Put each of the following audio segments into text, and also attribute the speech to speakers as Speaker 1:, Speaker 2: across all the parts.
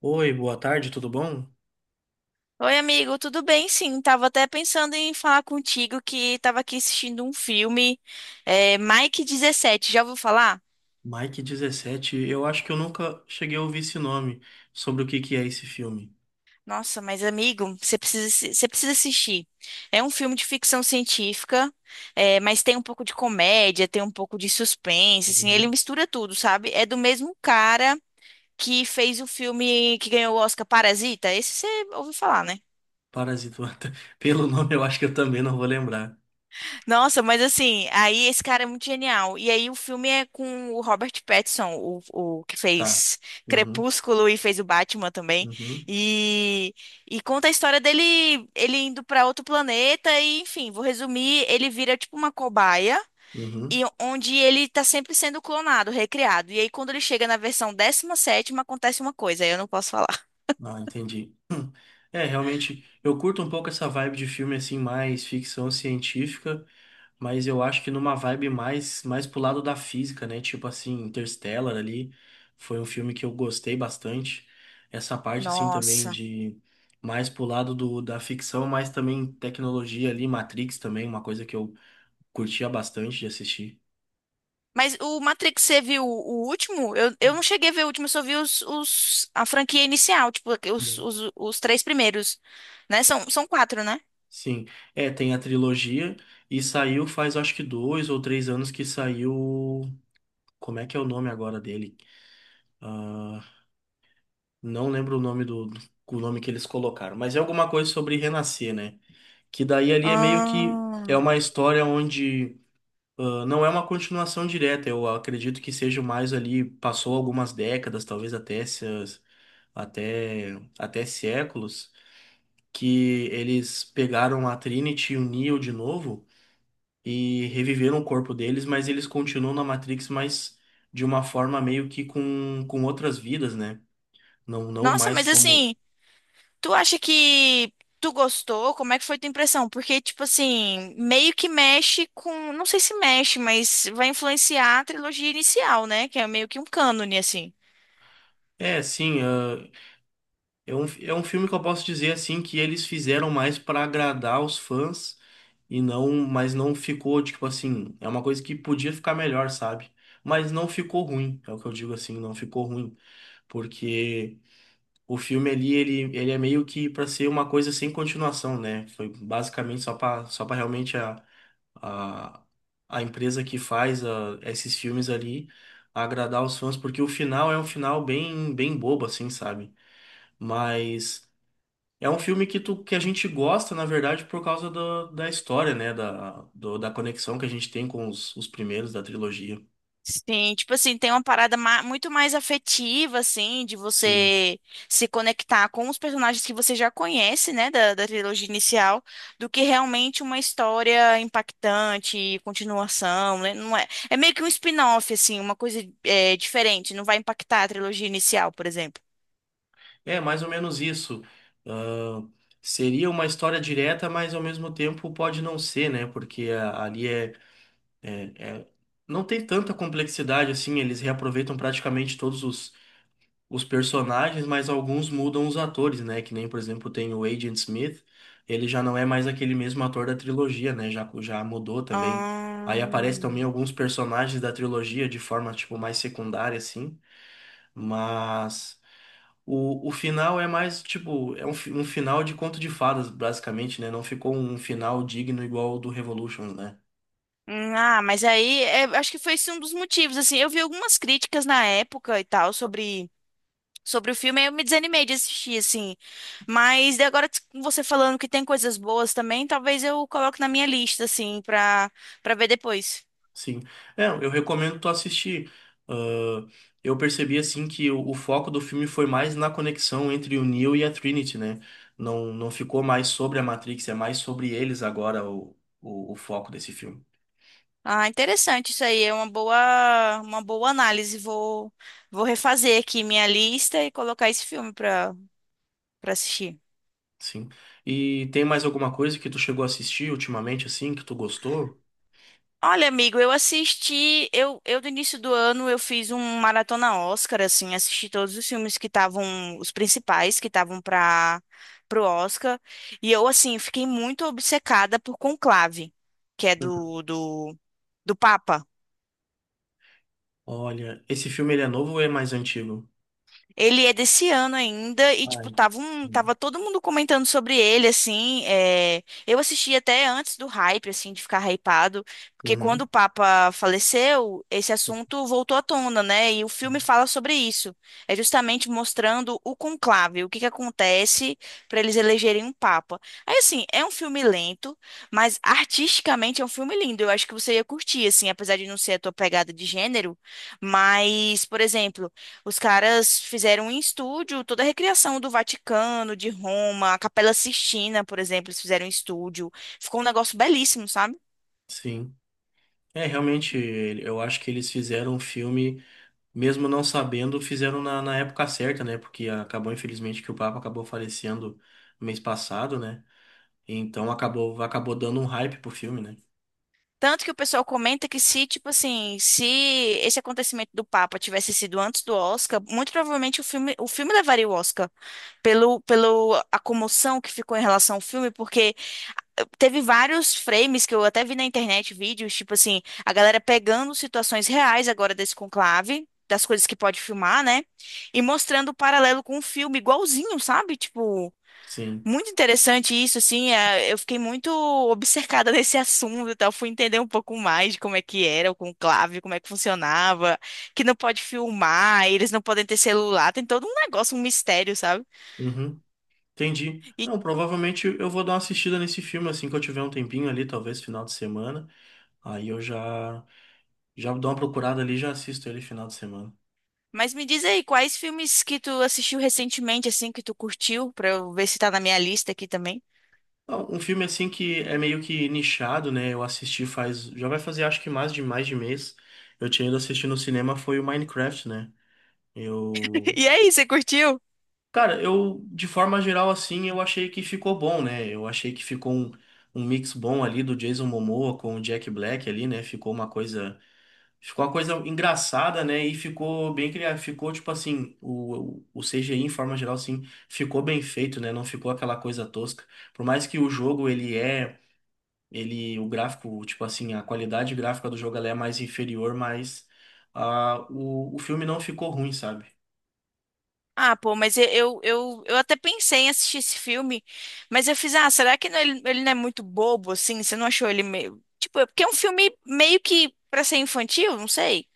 Speaker 1: Oi, boa tarde, tudo bom?
Speaker 2: Oi, amigo, tudo bem? Sim, tava até pensando em falar contigo que tava aqui assistindo um filme, Mike 17. Já ouviu falar?
Speaker 1: Mike 17, eu acho que eu nunca cheguei a ouvir esse nome, sobre o que que é esse filme.
Speaker 2: Nossa, mas amigo, você precisa, você precisa assistir. É um filme de ficção científica, mas tem um pouco de comédia, tem um pouco de suspense, assim, ele
Speaker 1: Uhum.
Speaker 2: mistura tudo, sabe? É do mesmo cara que fez o filme que ganhou o Oscar Parasita, esse você ouviu falar, né?
Speaker 1: Parasita. Pelo nome eu acho que eu também não vou lembrar.
Speaker 2: Nossa, mas assim, aí esse cara é muito genial. E aí o filme é com o Robert Pattinson, o que
Speaker 1: Tá.
Speaker 2: fez
Speaker 1: Uhum,
Speaker 2: Crepúsculo e fez o Batman também.
Speaker 1: uhum,
Speaker 2: E, e conta a história dele, ele indo pra outro planeta e, enfim, vou resumir, ele vira tipo uma cobaia
Speaker 1: uhum.
Speaker 2: e onde ele tá sempre sendo clonado, recriado. E aí quando ele chega na versão décima sétima acontece uma coisa, aí eu não posso falar.
Speaker 1: Ah, entendi. É, realmente, eu curto um pouco essa vibe de filme assim, mais ficção científica. Mas eu acho que numa vibe mais pro lado da física, né? Tipo assim, Interstellar ali foi um filme que eu gostei bastante. Essa parte assim também
Speaker 2: Nossa.
Speaker 1: de mais pro lado do, da ficção, mas também tecnologia ali, Matrix também, uma coisa que eu curtia bastante de assistir.
Speaker 2: Mas o Matrix, você viu o último? Eu não cheguei a ver o último, eu só vi a franquia inicial, tipo,
Speaker 1: Bom.
Speaker 2: os 3 primeiros, né? São, são quatro, né?
Speaker 1: Sim, é, tem a trilogia e saiu faz acho que 2 ou 3 anos que saiu. Como é que é o nome agora dele? Ah, não lembro o nome o nome que eles colocaram, mas é alguma coisa sobre renascer, né? Que daí ali é meio que é
Speaker 2: Ah,
Speaker 1: uma história onde ah, não é uma continuação direta. Eu acredito que seja mais ali, passou algumas décadas, talvez até se- até, até séculos, que eles pegaram a Trinity e o Neo de novo e reviveram o corpo deles, mas eles continuam na Matrix, mas de uma forma meio que com outras vidas, né? Não, não
Speaker 2: nossa,
Speaker 1: mais
Speaker 2: mas
Speaker 1: como.
Speaker 2: assim, tu acha que tu gostou? Como é que foi tua impressão? Porque, tipo assim, meio que mexe com. Não sei se mexe, mas vai influenciar a trilogia inicial, né? Que é meio que um cânone, assim.
Speaker 1: É, sim, É um filme que eu posso dizer assim que eles fizeram mais pra agradar os fãs e mas não ficou tipo assim, é uma coisa que podia ficar melhor, sabe? Mas não ficou ruim, é o que eu digo assim, não ficou ruim, porque o filme ali ele é meio que pra ser uma coisa sem continuação, né? Foi basicamente só para realmente a a empresa que faz esses filmes ali agradar os fãs, porque o final é um final bem bem bobo assim, sabe? Mas é um filme que a gente gosta, na verdade, por causa da história, né? Da conexão que a gente tem com os primeiros da trilogia.
Speaker 2: Sim, tipo assim, tem uma parada muito mais afetiva, assim, de
Speaker 1: Sim.
Speaker 2: você se conectar com os personagens que você já conhece, né, da trilogia inicial, do que realmente uma história impactante, continuação, né? Não é, é meio que um spin-off, assim, uma coisa diferente, não vai impactar a trilogia inicial, por exemplo.
Speaker 1: É mais ou menos isso. Ah, seria uma história direta, mas ao mesmo tempo pode não ser, né? Porque ali é. Não tem tanta complexidade assim, eles reaproveitam praticamente todos os personagens, mas alguns mudam os atores, né? Que nem, por exemplo, tem o Agent Smith, ele já não é mais aquele mesmo ator da trilogia, né? Já mudou também. Aí aparece também
Speaker 2: Ahn,
Speaker 1: alguns personagens da trilogia de forma, tipo, mais secundária, assim, mas o final é mais, tipo, um final de conto de fadas, basicamente, né? Não ficou um final digno igual ao do Revolution, né?
Speaker 2: Ah, mas acho que foi esse um dos motivos, assim, eu vi algumas críticas na época e tal sobre o filme, aí eu me desanimei de assistir, assim. Mas daí agora com você falando que tem coisas boas também, talvez eu coloque na minha lista, assim, pra ver depois.
Speaker 1: Sim. É, eu recomendo tu assistir. Ah, eu percebi assim que o foco do filme foi mais na conexão entre o Neo e a Trinity, né? Não, não ficou mais sobre a Matrix, é mais sobre eles agora o foco desse filme.
Speaker 2: Ah, interessante isso aí, é uma boa análise. Vou refazer aqui minha lista e colocar esse filme pra assistir.
Speaker 1: Sim. E tem mais alguma coisa que tu chegou a assistir ultimamente, assim, que tu gostou?
Speaker 2: Olha, amigo, eu assisti, eu do início do ano eu fiz um maratona Oscar, assim, assisti todos os filmes que estavam, os principais que estavam para pro Oscar, e eu, assim, fiquei muito obcecada por Conclave, que é
Speaker 1: Uhum.
Speaker 2: do Papa.
Speaker 1: Olha, esse filme ele é novo ou é mais antigo?
Speaker 2: Ele é desse ano ainda e, tipo,
Speaker 1: Ai, hum,
Speaker 2: tava todo mundo comentando sobre ele, assim. Eu assisti até antes do hype, assim, de ficar hypado, porque quando
Speaker 1: uhum.
Speaker 2: o Papa faleceu, esse
Speaker 1: Sim.
Speaker 2: assunto voltou à tona, né? E o filme fala sobre isso. É justamente mostrando o conclave, o que que acontece para eles elegerem um Papa. Aí, assim, é um filme lento, mas artisticamente é um filme lindo. Eu acho que você ia curtir, assim, apesar de não ser a tua pegada de gênero. Mas, por exemplo, os caras fizeram em estúdio toda a recriação do Vaticano, de Roma, a Capela Sistina, por exemplo, eles fizeram em estúdio. Ficou um negócio belíssimo, sabe?
Speaker 1: Sim. É, realmente, eu acho que eles fizeram um filme, mesmo não sabendo, fizeram na época certa, né? Porque acabou, infelizmente, que o Papa acabou falecendo no mês passado, né? Então acabou dando um hype pro filme, né?
Speaker 2: Tanto que o pessoal comenta que se, tipo assim, se esse acontecimento do Papa tivesse sido antes do Oscar, muito provavelmente o filme levaria o Oscar pelo, pelo a comoção que ficou em relação ao filme, porque teve vários frames que eu até vi na internet, vídeos, tipo assim, a galera pegando situações reais agora desse conclave, das coisas que pode filmar, né? E mostrando o paralelo com o filme igualzinho, sabe? Tipo,
Speaker 1: Sim.
Speaker 2: muito interessante isso, assim. Eu fiquei muito obcecada nesse assunto e tal. Fui entender um pouco mais de como é que era o conclave, como é que funcionava, que não pode filmar, eles não podem ter celular, tem todo um negócio, um mistério, sabe?
Speaker 1: Uhum. Entendi. Não, provavelmente eu vou dar uma assistida nesse filme assim que eu tiver um tempinho ali, talvez final de semana. Aí eu já já dou uma procurada ali, e já assisto ele final de semana.
Speaker 2: Mas me diz aí, quais filmes que tu assistiu recentemente, assim, que tu curtiu, pra eu ver se tá na minha lista aqui também.
Speaker 1: Não, um filme assim que é meio que nichado, né? Eu assisti faz, já vai fazer acho que mais de mês. Eu tinha ido assistir no cinema foi o Minecraft, né? Eu
Speaker 2: E aí, você curtiu?
Speaker 1: Cara, eu, de forma geral, assim, eu achei que ficou bom, né? Eu achei que ficou um mix bom ali do Jason Momoa com o Jack Black ali, né? Ficou uma coisa engraçada, né? E ficou bem criado, ficou tipo assim, o CGI em forma geral, assim, ficou bem feito, né? Não ficou aquela coisa tosca. Por mais que o jogo, o gráfico, tipo assim, a qualidade gráfica do jogo, ela é mais inferior, mas ah, o filme não ficou ruim, sabe?
Speaker 2: Ah, pô, mas eu até pensei em assistir esse filme, mas eu fiz, ah, será que ele, ele não é muito bobo, assim? Você não achou ele meio. Tipo, é porque é um filme meio que pra ser infantil, não sei.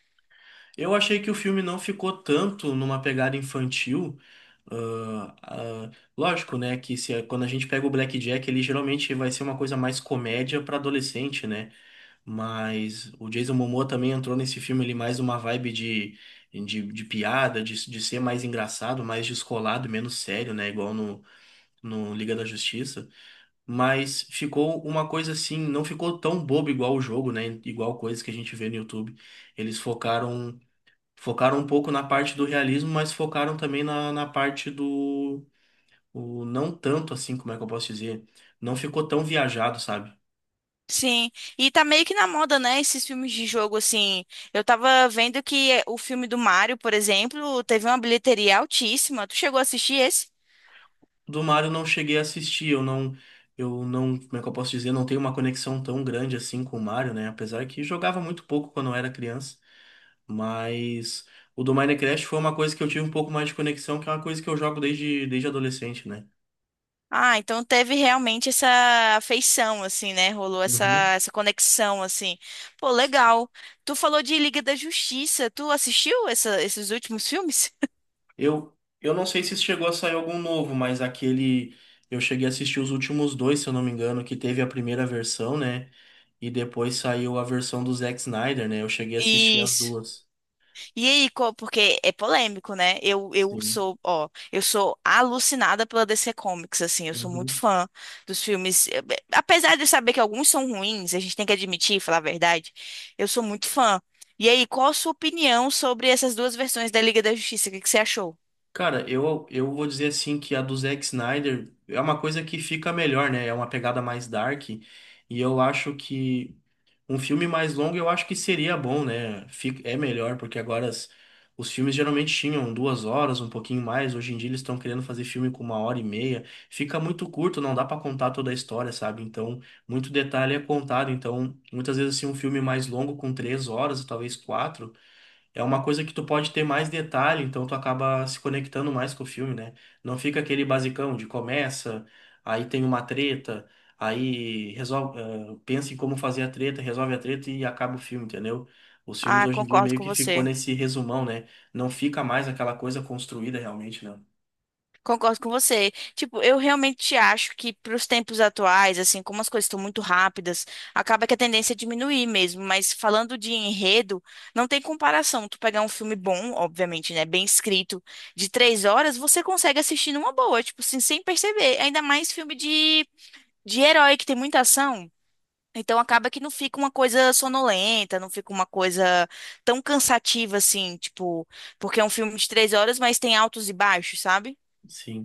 Speaker 1: Eu achei que o filme não ficou tanto numa pegada infantil. ah, ah, Lógico, né, que se, quando a gente pega o Blackjack, ele geralmente vai ser uma coisa mais comédia para adolescente, né? Mas o Jason Momoa também entrou nesse filme ele mais uma vibe de piada, de ser mais engraçado, mais descolado, menos sério, né? Igual no Liga da Justiça. Mas ficou uma coisa assim, não ficou tão bobo igual o jogo, né? Igual coisas que a gente vê no YouTube. Eles focaram. Focaram um pouco na parte do realismo, mas focaram também na parte do. O, não tanto assim, como é que eu posso dizer? Não ficou tão viajado, sabe?
Speaker 2: Sim, e tá meio que na moda, né? Esses filmes de jogo, assim. Eu tava vendo que o filme do Mario, por exemplo, teve uma bilheteria altíssima. Tu chegou a assistir esse?
Speaker 1: Do Mario eu não cheguei a assistir, eu não. Eu não. Como é que eu posso dizer? Não tenho uma conexão tão grande assim com o Mario, né? Apesar que jogava muito pouco quando eu era criança. Mas o do Minecraft foi uma coisa que eu tive um pouco mais de conexão, que é uma coisa que eu jogo desde adolescente, né?
Speaker 2: Ah, então teve realmente essa afeição, assim, né? Rolou
Speaker 1: Uhum.
Speaker 2: essa conexão, assim. Pô, legal. Tu falou de Liga da Justiça. Tu assistiu esses últimos filmes?
Speaker 1: Eu não sei se chegou a sair algum novo, mas aquele. Eu cheguei a assistir os últimos dois, se eu não me engano, que teve a primeira versão, né? E depois saiu a versão do Zack Snyder, né? Eu cheguei a assistir as
Speaker 2: Isso.
Speaker 1: duas.
Speaker 2: E aí, porque é polêmico, né? Eu
Speaker 1: Sim.
Speaker 2: sou, ó, eu sou alucinada pela DC Comics, assim, eu sou muito
Speaker 1: Uhum.
Speaker 2: fã dos filmes. Apesar de eu saber que alguns são ruins, a gente tem que admitir, falar a verdade, eu sou muito fã. E aí, qual a sua opinião sobre essas duas versões da Liga da Justiça? O que que você achou?
Speaker 1: Cara, eu vou dizer assim que a do Zack Snyder é uma coisa que fica melhor, né? É uma pegada mais dark. E eu acho que um filme mais longo eu acho que seria bom, né? É melhor, porque agora os filmes geralmente tinham 2 horas, um pouquinho mais. Hoje em dia eles estão querendo fazer filme com uma hora e meia. Fica muito curto, não dá pra contar toda a história, sabe? Então, muito detalhe é contado. Então, muitas vezes assim, um filme mais longo com 3 horas, talvez quatro. É uma coisa que tu pode ter mais detalhe, então tu acaba se conectando mais com o filme, né? Não fica aquele basicão de começa, aí tem uma treta, aí resolve, pensa em como fazer a treta, resolve a treta e acaba o filme, entendeu? Os filmes
Speaker 2: Ah,
Speaker 1: hoje em dia
Speaker 2: concordo
Speaker 1: meio
Speaker 2: com
Speaker 1: que ficou
Speaker 2: você.
Speaker 1: nesse resumão, né? Não fica mais aquela coisa construída realmente, não.
Speaker 2: Concordo com você. Tipo, eu realmente acho que para os tempos atuais, assim, como as coisas estão muito rápidas, acaba que a tendência é diminuir mesmo. Mas falando de enredo, não tem comparação. Tu pegar um filme bom, obviamente, né, bem escrito, de 3 horas, você consegue assistir numa boa, tipo, assim, sem perceber. Ainda mais filme de herói que tem muita ação. Então acaba que não fica uma coisa sonolenta, não fica uma coisa tão cansativa assim, tipo, porque é um filme de 3 horas, mas tem altos e baixos, sabe?
Speaker 1: Sim.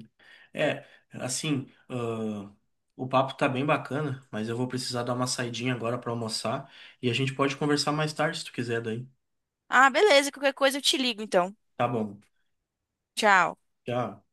Speaker 1: É, assim, o papo tá bem bacana, mas eu vou precisar dar uma saidinha agora pra almoçar e a gente pode conversar mais tarde se tu quiser daí.
Speaker 2: Ah, beleza, qualquer coisa eu te ligo então.
Speaker 1: Tá bom.
Speaker 2: Tchau.
Speaker 1: Tchau.